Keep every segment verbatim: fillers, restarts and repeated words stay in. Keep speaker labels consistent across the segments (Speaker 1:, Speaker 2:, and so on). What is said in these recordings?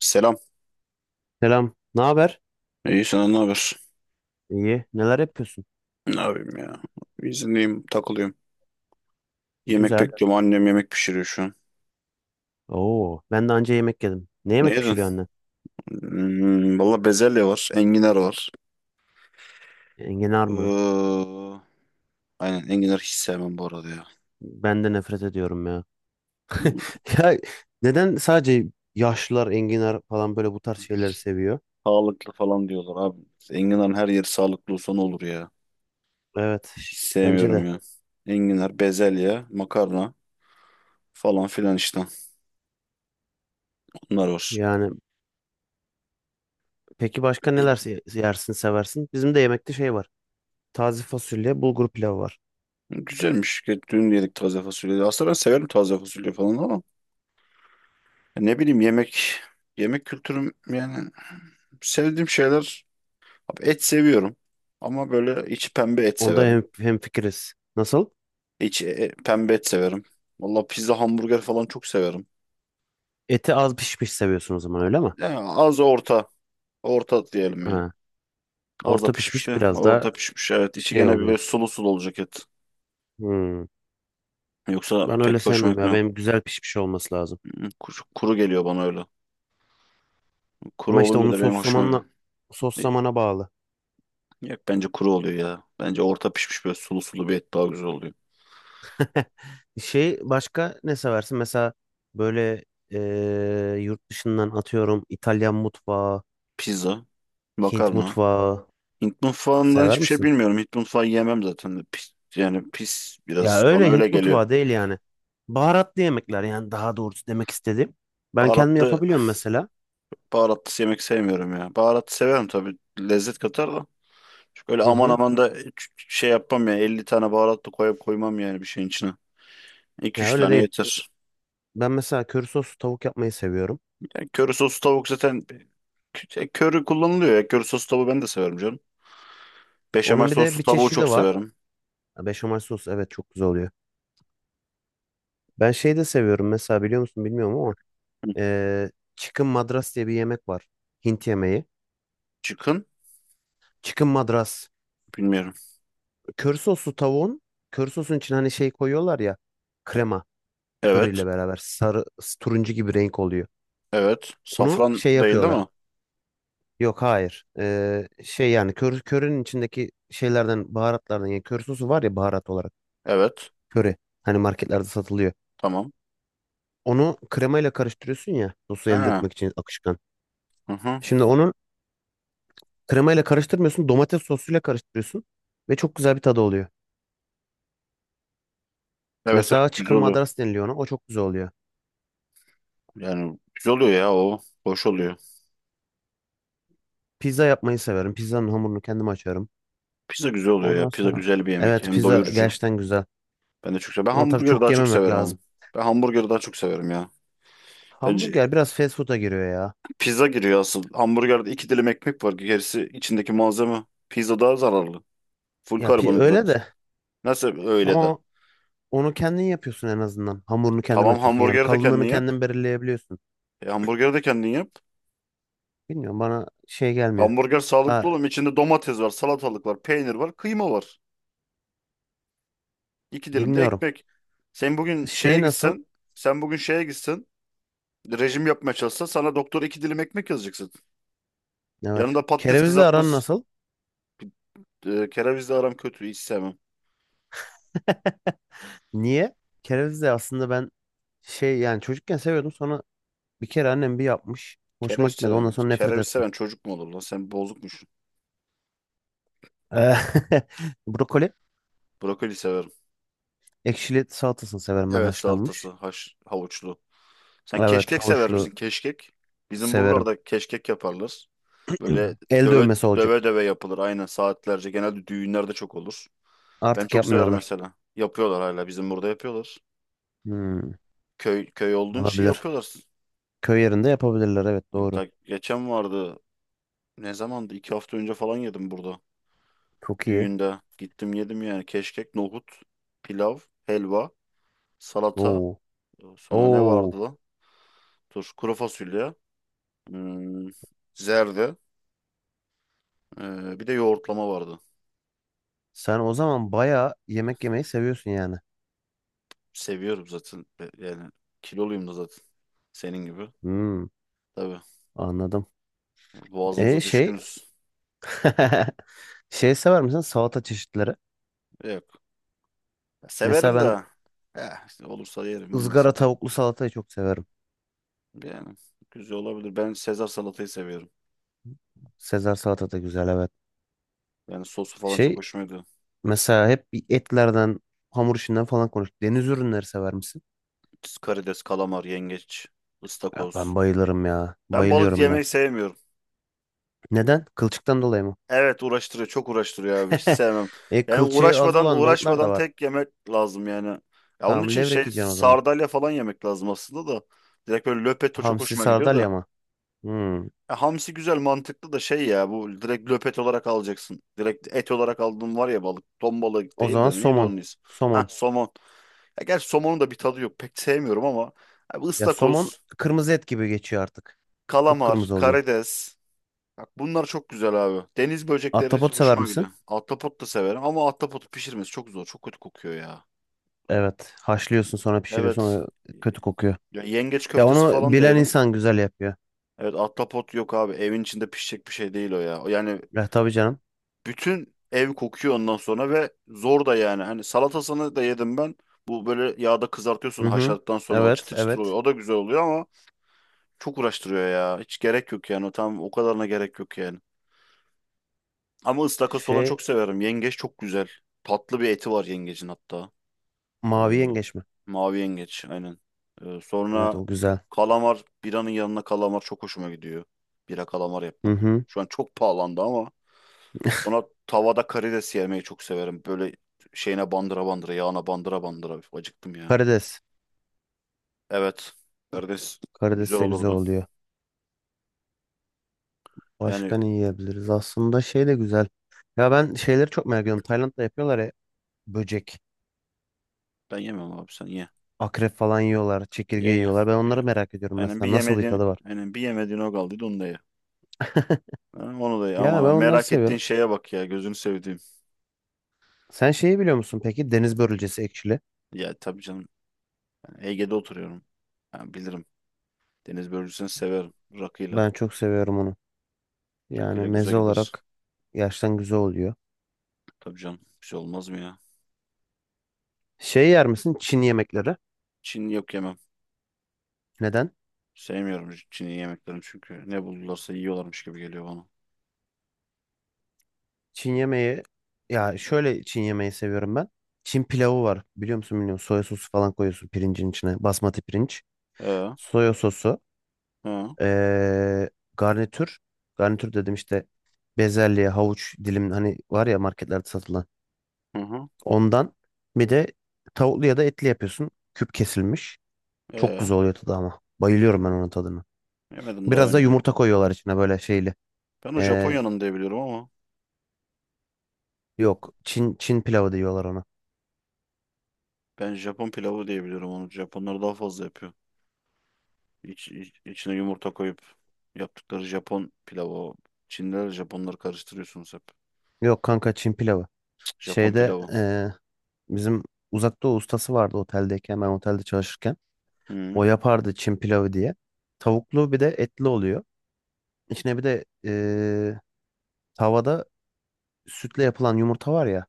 Speaker 1: Selam.
Speaker 2: Selam. Ne haber?
Speaker 1: İyi, sana ne haber?
Speaker 2: İyi. Neler yapıyorsun?
Speaker 1: Ne yapayım ya? İzindeyim, takılıyorum. Yemek
Speaker 2: Güzel.
Speaker 1: bekliyorum. Annem yemek pişiriyor şu an.
Speaker 2: Oo, ben de anca yemek yedim. Ne
Speaker 1: Ne
Speaker 2: yemek
Speaker 1: yedin?
Speaker 2: pişiriyor annen?
Speaker 1: Hmm, valla bezelye var. Enginar var.
Speaker 2: Enginar mı?
Speaker 1: Ee, aynen enginar hiç sevmem bu arada ya.
Speaker 2: Ben de nefret ediyorum ya.
Speaker 1: Hmm.
Speaker 2: Ya neden sadece yaşlılar enginar falan böyle bu tarz şeyleri seviyor?
Speaker 1: Sağlıklı falan diyorlar abi. Enginarın her yeri sağlıklı olsa ne olur ya.
Speaker 2: Evet.
Speaker 1: Hiç
Speaker 2: Bence
Speaker 1: sevmiyorum
Speaker 2: de.
Speaker 1: ya. Enginar, bezelye, makarna falan filan işte. Bunlar var.
Speaker 2: Yani peki başka neler se- yersin, seversin? Bizim de yemekte şey var. Taze fasulye, bulgur pilavı var.
Speaker 1: Güzelmiş. Dün yedik taze fasulyeyi. Aslında ben severim taze fasulye falan ama ne bileyim, yemek yemek kültürüm, yani sevdiğim şeyler... Abi et seviyorum, ama böyle içi pembe et
Speaker 2: Onda
Speaker 1: severim.
Speaker 2: hem hemfikiriz. Nasıl?
Speaker 1: İçi e, e, pembe et severim. Valla pizza, hamburger falan çok severim.
Speaker 2: Eti az pişmiş seviyorsun o zaman öyle mi?
Speaker 1: Yani az orta, orta diyelim ya.
Speaker 2: Ha,
Speaker 1: Az da
Speaker 2: orta
Speaker 1: pişmiş
Speaker 2: pişmiş
Speaker 1: de,
Speaker 2: biraz daha
Speaker 1: orta pişmiş, evet. İçi
Speaker 2: şey
Speaker 1: gene bir
Speaker 2: oluyor.
Speaker 1: böyle sulu sulu olacak et.
Speaker 2: Hmm.
Speaker 1: Yoksa
Speaker 2: Ben öyle
Speaker 1: pek hoşuma
Speaker 2: sevmem ya.
Speaker 1: gitmiyor.
Speaker 2: Benim güzel pişmiş olması lazım.
Speaker 1: Hmm. Kuru, kuru geliyor bana öyle. Kuru
Speaker 2: Ama işte
Speaker 1: olunca
Speaker 2: onu
Speaker 1: da benim
Speaker 2: sos
Speaker 1: hoşuma
Speaker 2: zamanla
Speaker 1: gidiyor.
Speaker 2: sos zamana bağlı.
Speaker 1: Yok, bence kuru oluyor ya. Bence orta pişmiş, böyle sulu sulu bir et daha güzel oluyor.
Speaker 2: Şey başka ne seversin? Mesela böyle eee, yurt dışından atıyorum İtalyan mutfağı,
Speaker 1: Pizza,
Speaker 2: Hint
Speaker 1: makarna.
Speaker 2: mutfağı
Speaker 1: Hint mutfağından
Speaker 2: sever
Speaker 1: hiçbir şey
Speaker 2: misin?
Speaker 1: bilmiyorum. Hint mutfağı yemem zaten. Pis, yani pis
Speaker 2: Ya
Speaker 1: biraz. Bana
Speaker 2: öyle
Speaker 1: öyle
Speaker 2: Hint
Speaker 1: geliyor.
Speaker 2: mutfağı değil yani. Baharatlı yemekler yani daha doğrusu demek istedim. Ben kendim
Speaker 1: Baharatlı,
Speaker 2: yapabiliyorum mesela.
Speaker 1: baharatlı yemek sevmiyorum ya. Baharatlı severim tabii. Lezzet katar da. Çok öyle
Speaker 2: Hı
Speaker 1: aman
Speaker 2: hı.
Speaker 1: aman da ç- şey yapmam ya. Elli tane baharatlı koyup koymam yani bir şeyin içine. iki
Speaker 2: Ya
Speaker 1: üç
Speaker 2: öyle
Speaker 1: tane
Speaker 2: değil.
Speaker 1: yeter.
Speaker 2: Ben mesela köri soslu tavuk yapmayı seviyorum.
Speaker 1: Yani köri soslu tavuk zaten kö- köri kullanılıyor ya. Köri soslu tavuğu ben de severim canım. Beşamel
Speaker 2: Onun bir de
Speaker 1: soslu
Speaker 2: bir
Speaker 1: tavuğu çok
Speaker 2: çeşidi var.
Speaker 1: severim.
Speaker 2: Ha, beşamel sos evet çok güzel oluyor. Ben şey de seviyorum mesela biliyor musun bilmiyorum ama
Speaker 1: Hı.
Speaker 2: eee chicken madras diye bir yemek var. Hint yemeği.
Speaker 1: Çıkın.
Speaker 2: Chicken madras.
Speaker 1: Bilmiyorum.
Speaker 2: Kör soslu tavuğun kör sosun için hani şey koyuyorlar ya, krema
Speaker 1: Evet.
Speaker 2: körüyle beraber sarı, turuncu gibi renk oluyor.
Speaker 1: Evet.
Speaker 2: Onu
Speaker 1: Safran
Speaker 2: şey
Speaker 1: değil, değil
Speaker 2: yapıyorlar.
Speaker 1: mi?
Speaker 2: Yok hayır. Eee, şey yani kör, körünün içindeki şeylerden, baharatlardan yani kör sosu var ya baharat olarak.
Speaker 1: Evet.
Speaker 2: Köri. Hani marketlerde satılıyor.
Speaker 1: Tamam.
Speaker 2: Onu kremayla karıştırıyorsun ya sosu elde
Speaker 1: Ha.
Speaker 2: etmek için akışkan.
Speaker 1: Hı hı.
Speaker 2: Şimdi onun Kremayla karıştırmıyorsun. Domates sosuyla karıştırıyorsun. Ve çok güzel bir tadı oluyor.
Speaker 1: Evet, evet,
Speaker 2: Mesela
Speaker 1: güzel
Speaker 2: chicken
Speaker 1: oluyor.
Speaker 2: madras deniliyor ona. O çok güzel oluyor.
Speaker 1: Yani güzel oluyor ya o. Hoş oluyor.
Speaker 2: Pizza yapmayı severim. Pizzanın hamurunu kendim açıyorum.
Speaker 1: Pizza güzel oluyor ya.
Speaker 2: Ondan
Speaker 1: Pizza
Speaker 2: sonra
Speaker 1: güzel bir yemek.
Speaker 2: evet
Speaker 1: Hem
Speaker 2: pizza
Speaker 1: doyurucu.
Speaker 2: gerçekten güzel.
Speaker 1: Ben de çok sev... Ben
Speaker 2: Ama tabii
Speaker 1: hamburgeri
Speaker 2: çok
Speaker 1: daha çok
Speaker 2: yememek
Speaker 1: severim ama.
Speaker 2: lazım.
Speaker 1: Ben hamburgeri daha çok severim ya. Bence
Speaker 2: Hamburger biraz fast food'a giriyor ya.
Speaker 1: pizza giriyor asıl. Hamburgerde iki dilim ekmek var. Gerisi içindeki malzeme. Pizza daha zararlı. Full
Speaker 2: Ya pi- öyle
Speaker 1: karbonhidrat.
Speaker 2: de
Speaker 1: Nasıl öyle de?
Speaker 2: ama onu kendin yapıyorsun en azından. Hamurunu kendin
Speaker 1: Tamam,
Speaker 2: açıyorsun. Yani
Speaker 1: hamburgeri de kendin
Speaker 2: kalınlığını
Speaker 1: yap.
Speaker 2: kendin belirleyebiliyorsun.
Speaker 1: E, hamburgeri de kendin yap.
Speaker 2: Bilmiyorum bana şey gelmiyor.
Speaker 1: Hamburger sağlıklı
Speaker 2: Ha,
Speaker 1: oğlum. İçinde domates var, salatalık var, peynir var, kıyma var. İki dilim de
Speaker 2: bilmiyorum.
Speaker 1: ekmek. Sen bugün şeye
Speaker 2: Şey nasıl?
Speaker 1: gitsen, sen bugün şeye gitsen, rejim yapmaya çalışsa, sana doktor iki dilim ekmek yazacaksın.
Speaker 2: Evet.
Speaker 1: Yanında patates
Speaker 2: Kerevizle aran
Speaker 1: kızartması.
Speaker 2: nasıl?
Speaker 1: Ee, kerevizle aram kötü. Hiç sevmem.
Speaker 2: Niye? Kereviz de aslında ben şey yani çocukken seviyordum, sonra bir kere annem bir yapmış. Hoşuma
Speaker 1: Kereviz
Speaker 2: gitmedi, ondan
Speaker 1: seven...
Speaker 2: sonra nefret
Speaker 1: Kereviz
Speaker 2: ettim.
Speaker 1: seven çocuk mu olur lan? Sen bozukmuşsun.
Speaker 2: Eh, brokoli
Speaker 1: Brokoli severim.
Speaker 2: ekşili salatasını severim ben,
Speaker 1: Evet, salatası.
Speaker 2: haşlanmış.
Speaker 1: Haş, havuçlu. Sen
Speaker 2: Evet,
Speaker 1: keşkek sever misin?
Speaker 2: havuçlu
Speaker 1: Keşkek. Bizim
Speaker 2: severim.
Speaker 1: buralarda keşkek yaparlar. Böyle
Speaker 2: El
Speaker 1: döve
Speaker 2: dövmesi olacak.
Speaker 1: döve döve yapılır. Aynen, saatlerce. Genelde düğünlerde çok olur. Ben
Speaker 2: Artık
Speaker 1: çok severim
Speaker 2: yapmıyorlar.
Speaker 1: mesela. Yapıyorlar hala. Bizim burada yapıyorlar.
Speaker 2: Hmm,
Speaker 1: Köy köy olduğun için
Speaker 2: olabilir.
Speaker 1: yapıyorlar.
Speaker 2: Köy yerinde yapabilirler evet,
Speaker 1: Yani
Speaker 2: doğru.
Speaker 1: ta- geçen vardı. Ne zamandı? İki hafta önce falan yedim burada.
Speaker 2: Çok iyi.
Speaker 1: Düğünde. Gittim, yedim yani. Keşkek, nohut, pilav, helva, salata.
Speaker 2: Oo.
Speaker 1: Sonra ne
Speaker 2: Oo.
Speaker 1: vardı lan? Dur. Kuru fasulye, hmm, zerde. Ee, bir de yoğurtlama vardı.
Speaker 2: Sen o zaman bayağı yemek yemeyi seviyorsun yani.
Speaker 1: Seviyorum zaten. E, Yani kiloluyum da zaten. Senin gibi.
Speaker 2: Hmm,
Speaker 1: Tabii.
Speaker 2: anladım.
Speaker 1: Yani
Speaker 2: E
Speaker 1: boğazımıza
Speaker 2: şey
Speaker 1: düşkünüz.
Speaker 2: şey sever misin salata çeşitleri?
Speaker 1: Yok. Ya,
Speaker 2: Mesela
Speaker 1: severim
Speaker 2: ben
Speaker 1: de. Eh, işte olursa yerim.
Speaker 2: ızgara
Speaker 1: Olmazsa diye.
Speaker 2: tavuklu salatayı çok severim.
Speaker 1: Yani güzel olabilir. Ben Sezar salatayı seviyorum.
Speaker 2: Sezar salata da güzel, evet.
Speaker 1: Yani sosu falan çok
Speaker 2: Şey
Speaker 1: hoşuma gidiyor.
Speaker 2: mesela hep bir etlerden, hamur işinden falan konuştuk. Deniz ürünleri sever misin?
Speaker 1: Karides, kalamar, yengeç,
Speaker 2: Ya
Speaker 1: ıstakoz.
Speaker 2: ben bayılırım ya.
Speaker 1: Ben balık
Speaker 2: Bayılıyorum ben.
Speaker 1: yemeyi sevmiyorum.
Speaker 2: Neden? Kılçıktan dolayı mı?
Speaker 1: Evet, uğraştırıyor, çok uğraştırıyor abi. Hiç sevmem.
Speaker 2: E
Speaker 1: Yani
Speaker 2: kılçığı az
Speaker 1: uğraşmadan
Speaker 2: olan balıklar da
Speaker 1: uğraşmadan
Speaker 2: var.
Speaker 1: tek yemek lazım yani. Ya onun
Speaker 2: Tamam,
Speaker 1: için şey,
Speaker 2: levrek yiyeceksin o zaman.
Speaker 1: sardalya falan yemek lazım aslında da. Direkt böyle löpeto çok
Speaker 2: Hamsi,
Speaker 1: hoşuma gidiyor da.
Speaker 2: sardalya mı? Hmm.
Speaker 1: Ya hamsi güzel, mantıklı da şey ya, bu direkt löpet olarak alacaksın. Direkt et olarak aldığın var ya, balık. Ton balığı
Speaker 2: O
Speaker 1: değil
Speaker 2: zaman
Speaker 1: de neydi
Speaker 2: somon.
Speaker 1: onun ismi? Ha,
Speaker 2: Somon.
Speaker 1: somon. Ya gerçi somonun da bir tadı yok. Pek sevmiyorum ama. Abi
Speaker 2: Ya somon
Speaker 1: ıstakoz,
Speaker 2: kırmızı et gibi geçiyor artık.
Speaker 1: kalamar,
Speaker 2: Kıpkırmızı oluyor.
Speaker 1: karides. Bak, bunlar çok güzel abi. Deniz
Speaker 2: Ahtapot
Speaker 1: böcekleri
Speaker 2: sever
Speaker 1: hoşuma gidiyor.
Speaker 2: misin?
Speaker 1: Ahtapot da severim ama ahtapotu pişirmesi çok zor. Çok kötü kokuyor ya.
Speaker 2: Evet. Haşlıyorsun sonra pişiriyorsun.
Speaker 1: Evet.
Speaker 2: O kötü kokuyor.
Speaker 1: Ya yengeç
Speaker 2: Ya
Speaker 1: köftesi
Speaker 2: onu
Speaker 1: falan da
Speaker 2: bilen
Speaker 1: yedim.
Speaker 2: insan güzel yapıyor.
Speaker 1: Evet, ahtapot yok abi. Evin içinde pişecek bir şey değil o ya. Yani
Speaker 2: Ya tabii canım.
Speaker 1: bütün ev kokuyor ondan sonra, ve zor da yani. Hani salatasını da yedim ben. Bu böyle yağda kızartıyorsun
Speaker 2: Hı hı.
Speaker 1: haşladıktan sonra, o
Speaker 2: Evet,
Speaker 1: çıtır çıtır oluyor.
Speaker 2: evet.
Speaker 1: O da güzel oluyor ama çok uğraştırıyor ya. Hiç gerek yok yani. O tam, o kadarına gerek yok yani. Ama ıstakoz falan
Speaker 2: Şey,
Speaker 1: çok severim. Yengeç çok güzel. Tatlı bir eti var yengecin hatta. Ee,
Speaker 2: mavi yengeç mi?
Speaker 1: mavi yengeç aynen. Ee,
Speaker 2: Evet,
Speaker 1: sonra
Speaker 2: o güzel.
Speaker 1: kalamar. Biranın yanına kalamar çok hoşuma gidiyor. Bira, kalamar
Speaker 2: Hı
Speaker 1: yapmak.
Speaker 2: hı.
Speaker 1: Şu an çok pahalandı ama, ona tavada karides yemeyi çok severim. Böyle şeyine bandıra bandıra, yağına bandıra bandıra. Üf, acıktım ya.
Speaker 2: Karides.
Speaker 1: Evet. Karides güzel
Speaker 2: Karides de güzel
Speaker 1: olurdu.
Speaker 2: oluyor.
Speaker 1: Yani
Speaker 2: Başka ne yiyebiliriz? Aslında şey de güzel. Ya ben şeyleri çok merak ediyorum. Tayland'da yapıyorlar ya, böcek,
Speaker 1: ben yemem abi, sen ye.
Speaker 2: akrep falan yiyorlar,
Speaker 1: Ye
Speaker 2: çekirge
Speaker 1: ye.
Speaker 2: yiyorlar. Ben onları
Speaker 1: Bir,
Speaker 2: merak ediyorum
Speaker 1: aynen bir
Speaker 2: mesela. Nasıl bir
Speaker 1: yemediğin,
Speaker 2: tadı var?
Speaker 1: aynen bir yemediğin o kaldıydı, onu da ye. Ha, onu da, aman
Speaker 2: Ya ben
Speaker 1: ha,
Speaker 2: onları
Speaker 1: merak ettiğin
Speaker 2: seviyorum.
Speaker 1: şeye bak ya, gözünü sevdiğim.
Speaker 2: Sen şeyi biliyor musun peki? Deniz börülcesi ekşili.
Speaker 1: Ya tabii canım, ben Ege'de oturuyorum. Yani bilirim. Deniz börülcüsünü severim. Rakıyla.
Speaker 2: Ben çok seviyorum onu. Yani
Speaker 1: Rakıyla güzel
Speaker 2: meze
Speaker 1: gider.
Speaker 2: olarak gerçekten güzel oluyor.
Speaker 1: Tabii canım, bir şey olmaz mı ya?
Speaker 2: Şey yer misin? Çin yemekleri.
Speaker 1: Çin, yok, yemem.
Speaker 2: Neden?
Speaker 1: Sevmiyorum Çin'i yemeklerini çünkü. Ne buldularsa yiyorlarmış gibi geliyor bana.
Speaker 2: Çin yemeği Ya şöyle, Çin yemeği seviyorum ben. Çin pilavı var. Biliyor musun bilmiyorum. Soya sosu falan koyuyorsun pirincin içine. Basmati pirinç.
Speaker 1: Ee,
Speaker 2: Soya sosu.
Speaker 1: ha,
Speaker 2: ee, Garnitür. Garnitür dedim işte, bezelye, havuç dilim hani var ya marketlerde satılan.
Speaker 1: hı hı,
Speaker 2: Ondan bir de tavuklu ya da etli yapıyorsun. Küp kesilmiş. Çok
Speaker 1: ee.
Speaker 2: güzel oluyor tadı ama. Bayılıyorum ben onun tadına.
Speaker 1: Yemedim daha
Speaker 2: Biraz da
Speaker 1: önce.
Speaker 2: yumurta koyuyorlar içine böyle şeyli.
Speaker 1: Ben o
Speaker 2: Ee,
Speaker 1: Japonya'nın diye biliyorum ama,
Speaker 2: Yok. Çin Çin pilavı diyorlar ona.
Speaker 1: ben Japon pilavı diye biliyorum onu. Japonlar daha fazla yapıyor. İç, iç- içine yumurta koyup yaptıkları Japon pilavı o. Çinliler, Japonları karıştırıyorsunuz hep.
Speaker 2: Yok kanka, Çin pilavı.
Speaker 1: Japon
Speaker 2: Şeyde
Speaker 1: pilavı.
Speaker 2: eee, bizim uzak doğu ustası vardı, oteldeyken ben otelde çalışırken. O
Speaker 1: Hı
Speaker 2: yapardı Çin pilavı diye. Tavuklu bir de etli oluyor. İçine bir de eee, tavada sütle yapılan yumurta var ya.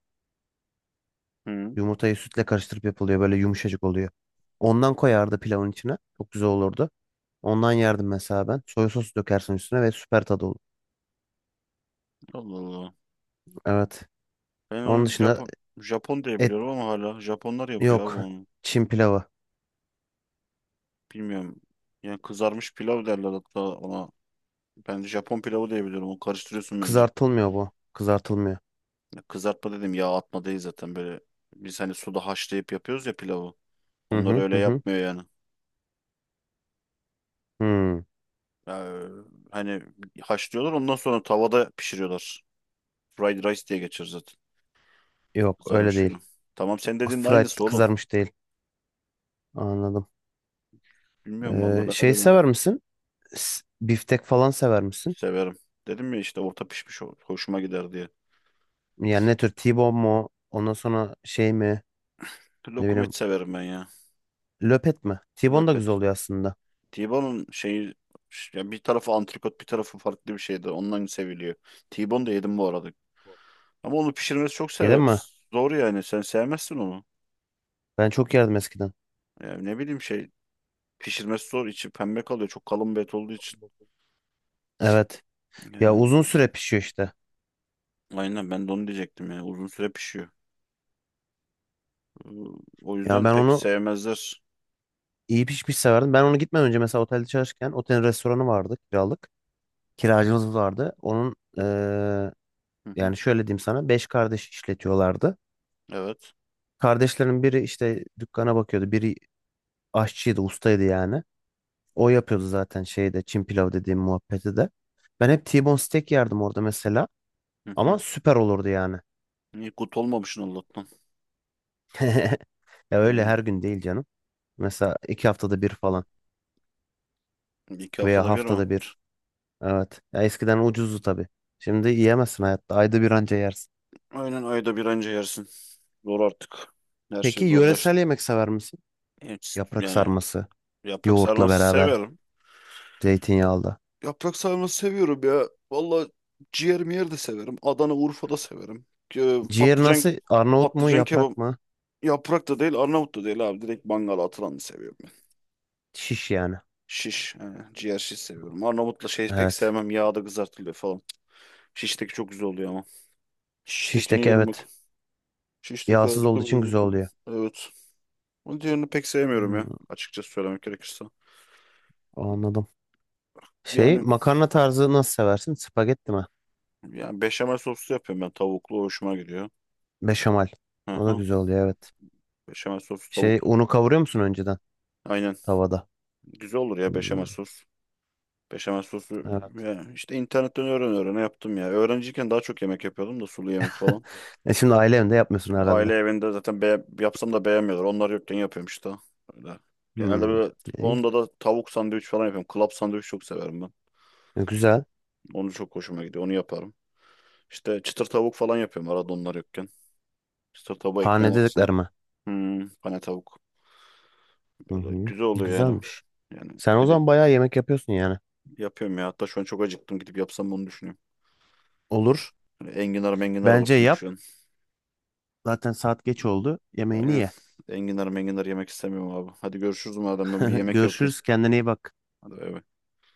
Speaker 1: hı.
Speaker 2: Yumurtayı sütle karıştırıp yapılıyor, böyle yumuşacık oluyor. Ondan koyardı pilavın içine. Çok güzel olurdu. Ondan yerdim mesela ben. Soya sosu dökersin üstüne ve süper tadı olur.
Speaker 1: Allah Allah.
Speaker 2: Evet.
Speaker 1: Ben
Speaker 2: Onun
Speaker 1: onu
Speaker 2: dışında
Speaker 1: Japon Japon diye
Speaker 2: et
Speaker 1: biliyorum ama hala Japonlar yapıyor abi
Speaker 2: yok.
Speaker 1: onu.
Speaker 2: Çin pilavı.
Speaker 1: Bilmiyorum. Yani kızarmış pilav derler hatta ona. Ben Japon pilavı diye biliyorum. Onu karıştırıyorsun bence.
Speaker 2: Kızartılmıyor bu. Kızartılmıyor.
Speaker 1: Ya kızartma dedim, yağ atma değil zaten böyle. Biz hani suda haşlayıp yapıyoruz ya pilavı.
Speaker 2: Hı
Speaker 1: Onlar
Speaker 2: hı
Speaker 1: öyle
Speaker 2: hı. Hı.
Speaker 1: yapmıyor yani.
Speaker 2: Hmm,
Speaker 1: Ee, hani haşlıyorlar, ondan sonra tavada pişiriyorlar. Fried Rice diye geçer zaten.
Speaker 2: yok öyle
Speaker 1: Kızarmış
Speaker 2: değil.
Speaker 1: film. Tamam, sen dediğin de
Speaker 2: Fried
Speaker 1: aynısı oğlum.
Speaker 2: kızarmış değil. Anladım.
Speaker 1: Bilmiyorum valla,
Speaker 2: Ee,
Speaker 1: ben
Speaker 2: şey
Speaker 1: öyle bir...
Speaker 2: sever misin? S- Biftek falan sever misin?
Speaker 1: Severim. Dedim ya işte, orta pişmiş o- hoşuma gider diye.
Speaker 2: Yani ne tür? T-bone mu? Ondan sonra şey mi? Ne
Speaker 1: Lokum et
Speaker 2: bileyim.
Speaker 1: severim ben ya.
Speaker 2: Löpet mi? T-bone da
Speaker 1: Löpet.
Speaker 2: güzel oluyor aslında.
Speaker 1: T-Bone'un şeyi, ya bir tarafı antrikot bir tarafı farklı bir şeydi. Ondan seviliyor. T-Bone da yedim bu arada. Ama onu pişirmesi çok
Speaker 2: Yedin
Speaker 1: seve
Speaker 2: mi?
Speaker 1: zor yani. Sen sevmezsin onu.
Speaker 2: Ben çok yerdim eskiden.
Speaker 1: Yani ne bileyim şey, pişirmesi zor. İçi pembe kalıyor. Çok kalın bir et olduğu için.
Speaker 2: Evet. Ya
Speaker 1: Yani,
Speaker 2: uzun süre pişiyor işte.
Speaker 1: aynen, ben de onu diyecektim ya. Uzun süre pişiyor. Ee, O
Speaker 2: Ya
Speaker 1: yüzden
Speaker 2: ben
Speaker 1: pek
Speaker 2: onu
Speaker 1: sevmezler.
Speaker 2: iyi pişmiş severdim. Ben onu gitmeden önce mesela otelde çalışırken, otelin restoranı vardı kiralık. Kiracımız vardı. Onun eee,
Speaker 1: Hı hı.
Speaker 2: yani şöyle diyeyim sana. Beş kardeş işletiyorlardı.
Speaker 1: Evet.
Speaker 2: Kardeşlerin biri işte dükkana bakıyordu. Biri aşçıydı, ustaydı yani. O yapıyordu zaten şeyde Çin pilav dediğim muhabbeti de. Ben hep T-bone steak yerdim orada mesela.
Speaker 1: Hı
Speaker 2: Ama
Speaker 1: hı.
Speaker 2: süper olurdu yani.
Speaker 1: İyi kut olmamışsın Allah'tan.
Speaker 2: Ya öyle
Speaker 1: Yani
Speaker 2: her gün değil canım. Mesela iki haftada bir falan
Speaker 1: iki
Speaker 2: veya
Speaker 1: haftada bir ama.
Speaker 2: haftada bir. Evet. Ya eskiden ucuzdu tabii. Şimdi yiyemezsin hayatta. Ayda bir anca yersin.
Speaker 1: Aynen, ayda bir anca yersin. Zor artık. Her
Speaker 2: Peki
Speaker 1: şey
Speaker 2: yöresel
Speaker 1: zorlaştı.
Speaker 2: yemek sever misin?
Speaker 1: Evet,
Speaker 2: Yaprak
Speaker 1: yani
Speaker 2: sarması,
Speaker 1: yaprak
Speaker 2: yoğurtla
Speaker 1: sarması
Speaker 2: beraber,
Speaker 1: severim.
Speaker 2: zeytinyağlı.
Speaker 1: Yaprak sarması seviyorum ya. Valla ciğer miyer de severim. Adana, Urfa da severim. Ee,
Speaker 2: Ciğer
Speaker 1: patlıcan
Speaker 2: nasıl? Arnavut mu,
Speaker 1: patlıcan kebap...
Speaker 2: yaprak mı?
Speaker 1: Yaprak da değil, Arnavut da değil abi. Direkt mangala atılanı seviyorum ben.
Speaker 2: Şiş yani.
Speaker 1: Şiş. Yani ciğer şiş seviyorum. Arnavutla şey pek
Speaker 2: Evet.
Speaker 1: sevmem. Yağda kızartılıyor falan. Şişteki çok güzel oluyor ama. Şiştekini
Speaker 2: Şişteki
Speaker 1: yerim bak.
Speaker 2: evet.
Speaker 1: Şişteki
Speaker 2: Yağsız olduğu
Speaker 1: harika bir
Speaker 2: için
Speaker 1: dizi
Speaker 2: güzel
Speaker 1: tutuldu.
Speaker 2: oluyor.
Speaker 1: Evet. Onun diğerini pek sevmiyorum ya.
Speaker 2: Hmm,
Speaker 1: Açıkçası söylemek gerekirse.
Speaker 2: anladım. Şey
Speaker 1: Yani,
Speaker 2: makarna tarzı nasıl seversin? Spagetti mi?
Speaker 1: yani beşamel soslu yapıyorum ben. Tavuklu hoşuma gidiyor.
Speaker 2: Beşamel.
Speaker 1: Hı
Speaker 2: O da
Speaker 1: hı.
Speaker 2: güzel oluyor evet.
Speaker 1: Beşamel soslu
Speaker 2: Şey,
Speaker 1: tavuklu.
Speaker 2: unu kavuruyor musun önceden
Speaker 1: Aynen.
Speaker 2: tavada?
Speaker 1: Güzel olur ya beşamel
Speaker 2: Hmm,
Speaker 1: sos. Beşamel sosu,
Speaker 2: evet.
Speaker 1: ya işte internetten öğren öğrene yaptım ya. Öğrenciyken daha çok yemek yapıyordum da, sulu yemek falan.
Speaker 2: E şimdi aile evinde yapmıyorsun herhalde.
Speaker 1: Aile evinde zaten be yapsam da beğenmiyorlar. Onlar yokken yapıyorum işte. Öyle. Genelde
Speaker 2: Hmm,
Speaker 1: böyle,
Speaker 2: iyi.
Speaker 1: onda da tavuk sandviç falan yapıyorum. Klap sandviç çok severim ben.
Speaker 2: E, güzel.
Speaker 1: Onu çok hoşuma gidiyor. Onu yaparım. İşte çıtır tavuk falan yapıyorum arada, onlar yokken. Çıtır tavuğu ekmeğin
Speaker 2: Hane
Speaker 1: arasına.
Speaker 2: dediklerime.
Speaker 1: Hmm, pane tavuk.
Speaker 2: Hı
Speaker 1: Böyle
Speaker 2: hı.
Speaker 1: güzel oluyor yani.
Speaker 2: Güzelmiş.
Speaker 1: Yani
Speaker 2: Sen o
Speaker 1: bir de
Speaker 2: zaman bayağı yemek yapıyorsun yani.
Speaker 1: yapıyorum ya. Hatta şu an çok acıktım. Gidip yapsam bunu, düşünüyorum.
Speaker 2: Olur.
Speaker 1: Hani enginar menginar var
Speaker 2: Bence
Speaker 1: çünkü
Speaker 2: yap.
Speaker 1: şu an.
Speaker 2: Zaten saat geç oldu. Yemeğini
Speaker 1: Aynen.
Speaker 2: ye.
Speaker 1: Enginar menginar yemek istemiyorum abi. Hadi görüşürüz madem, ben bir yemek yapayım.
Speaker 2: Görüşürüz. Kendine iyi bak.
Speaker 1: Hadi, bay bay.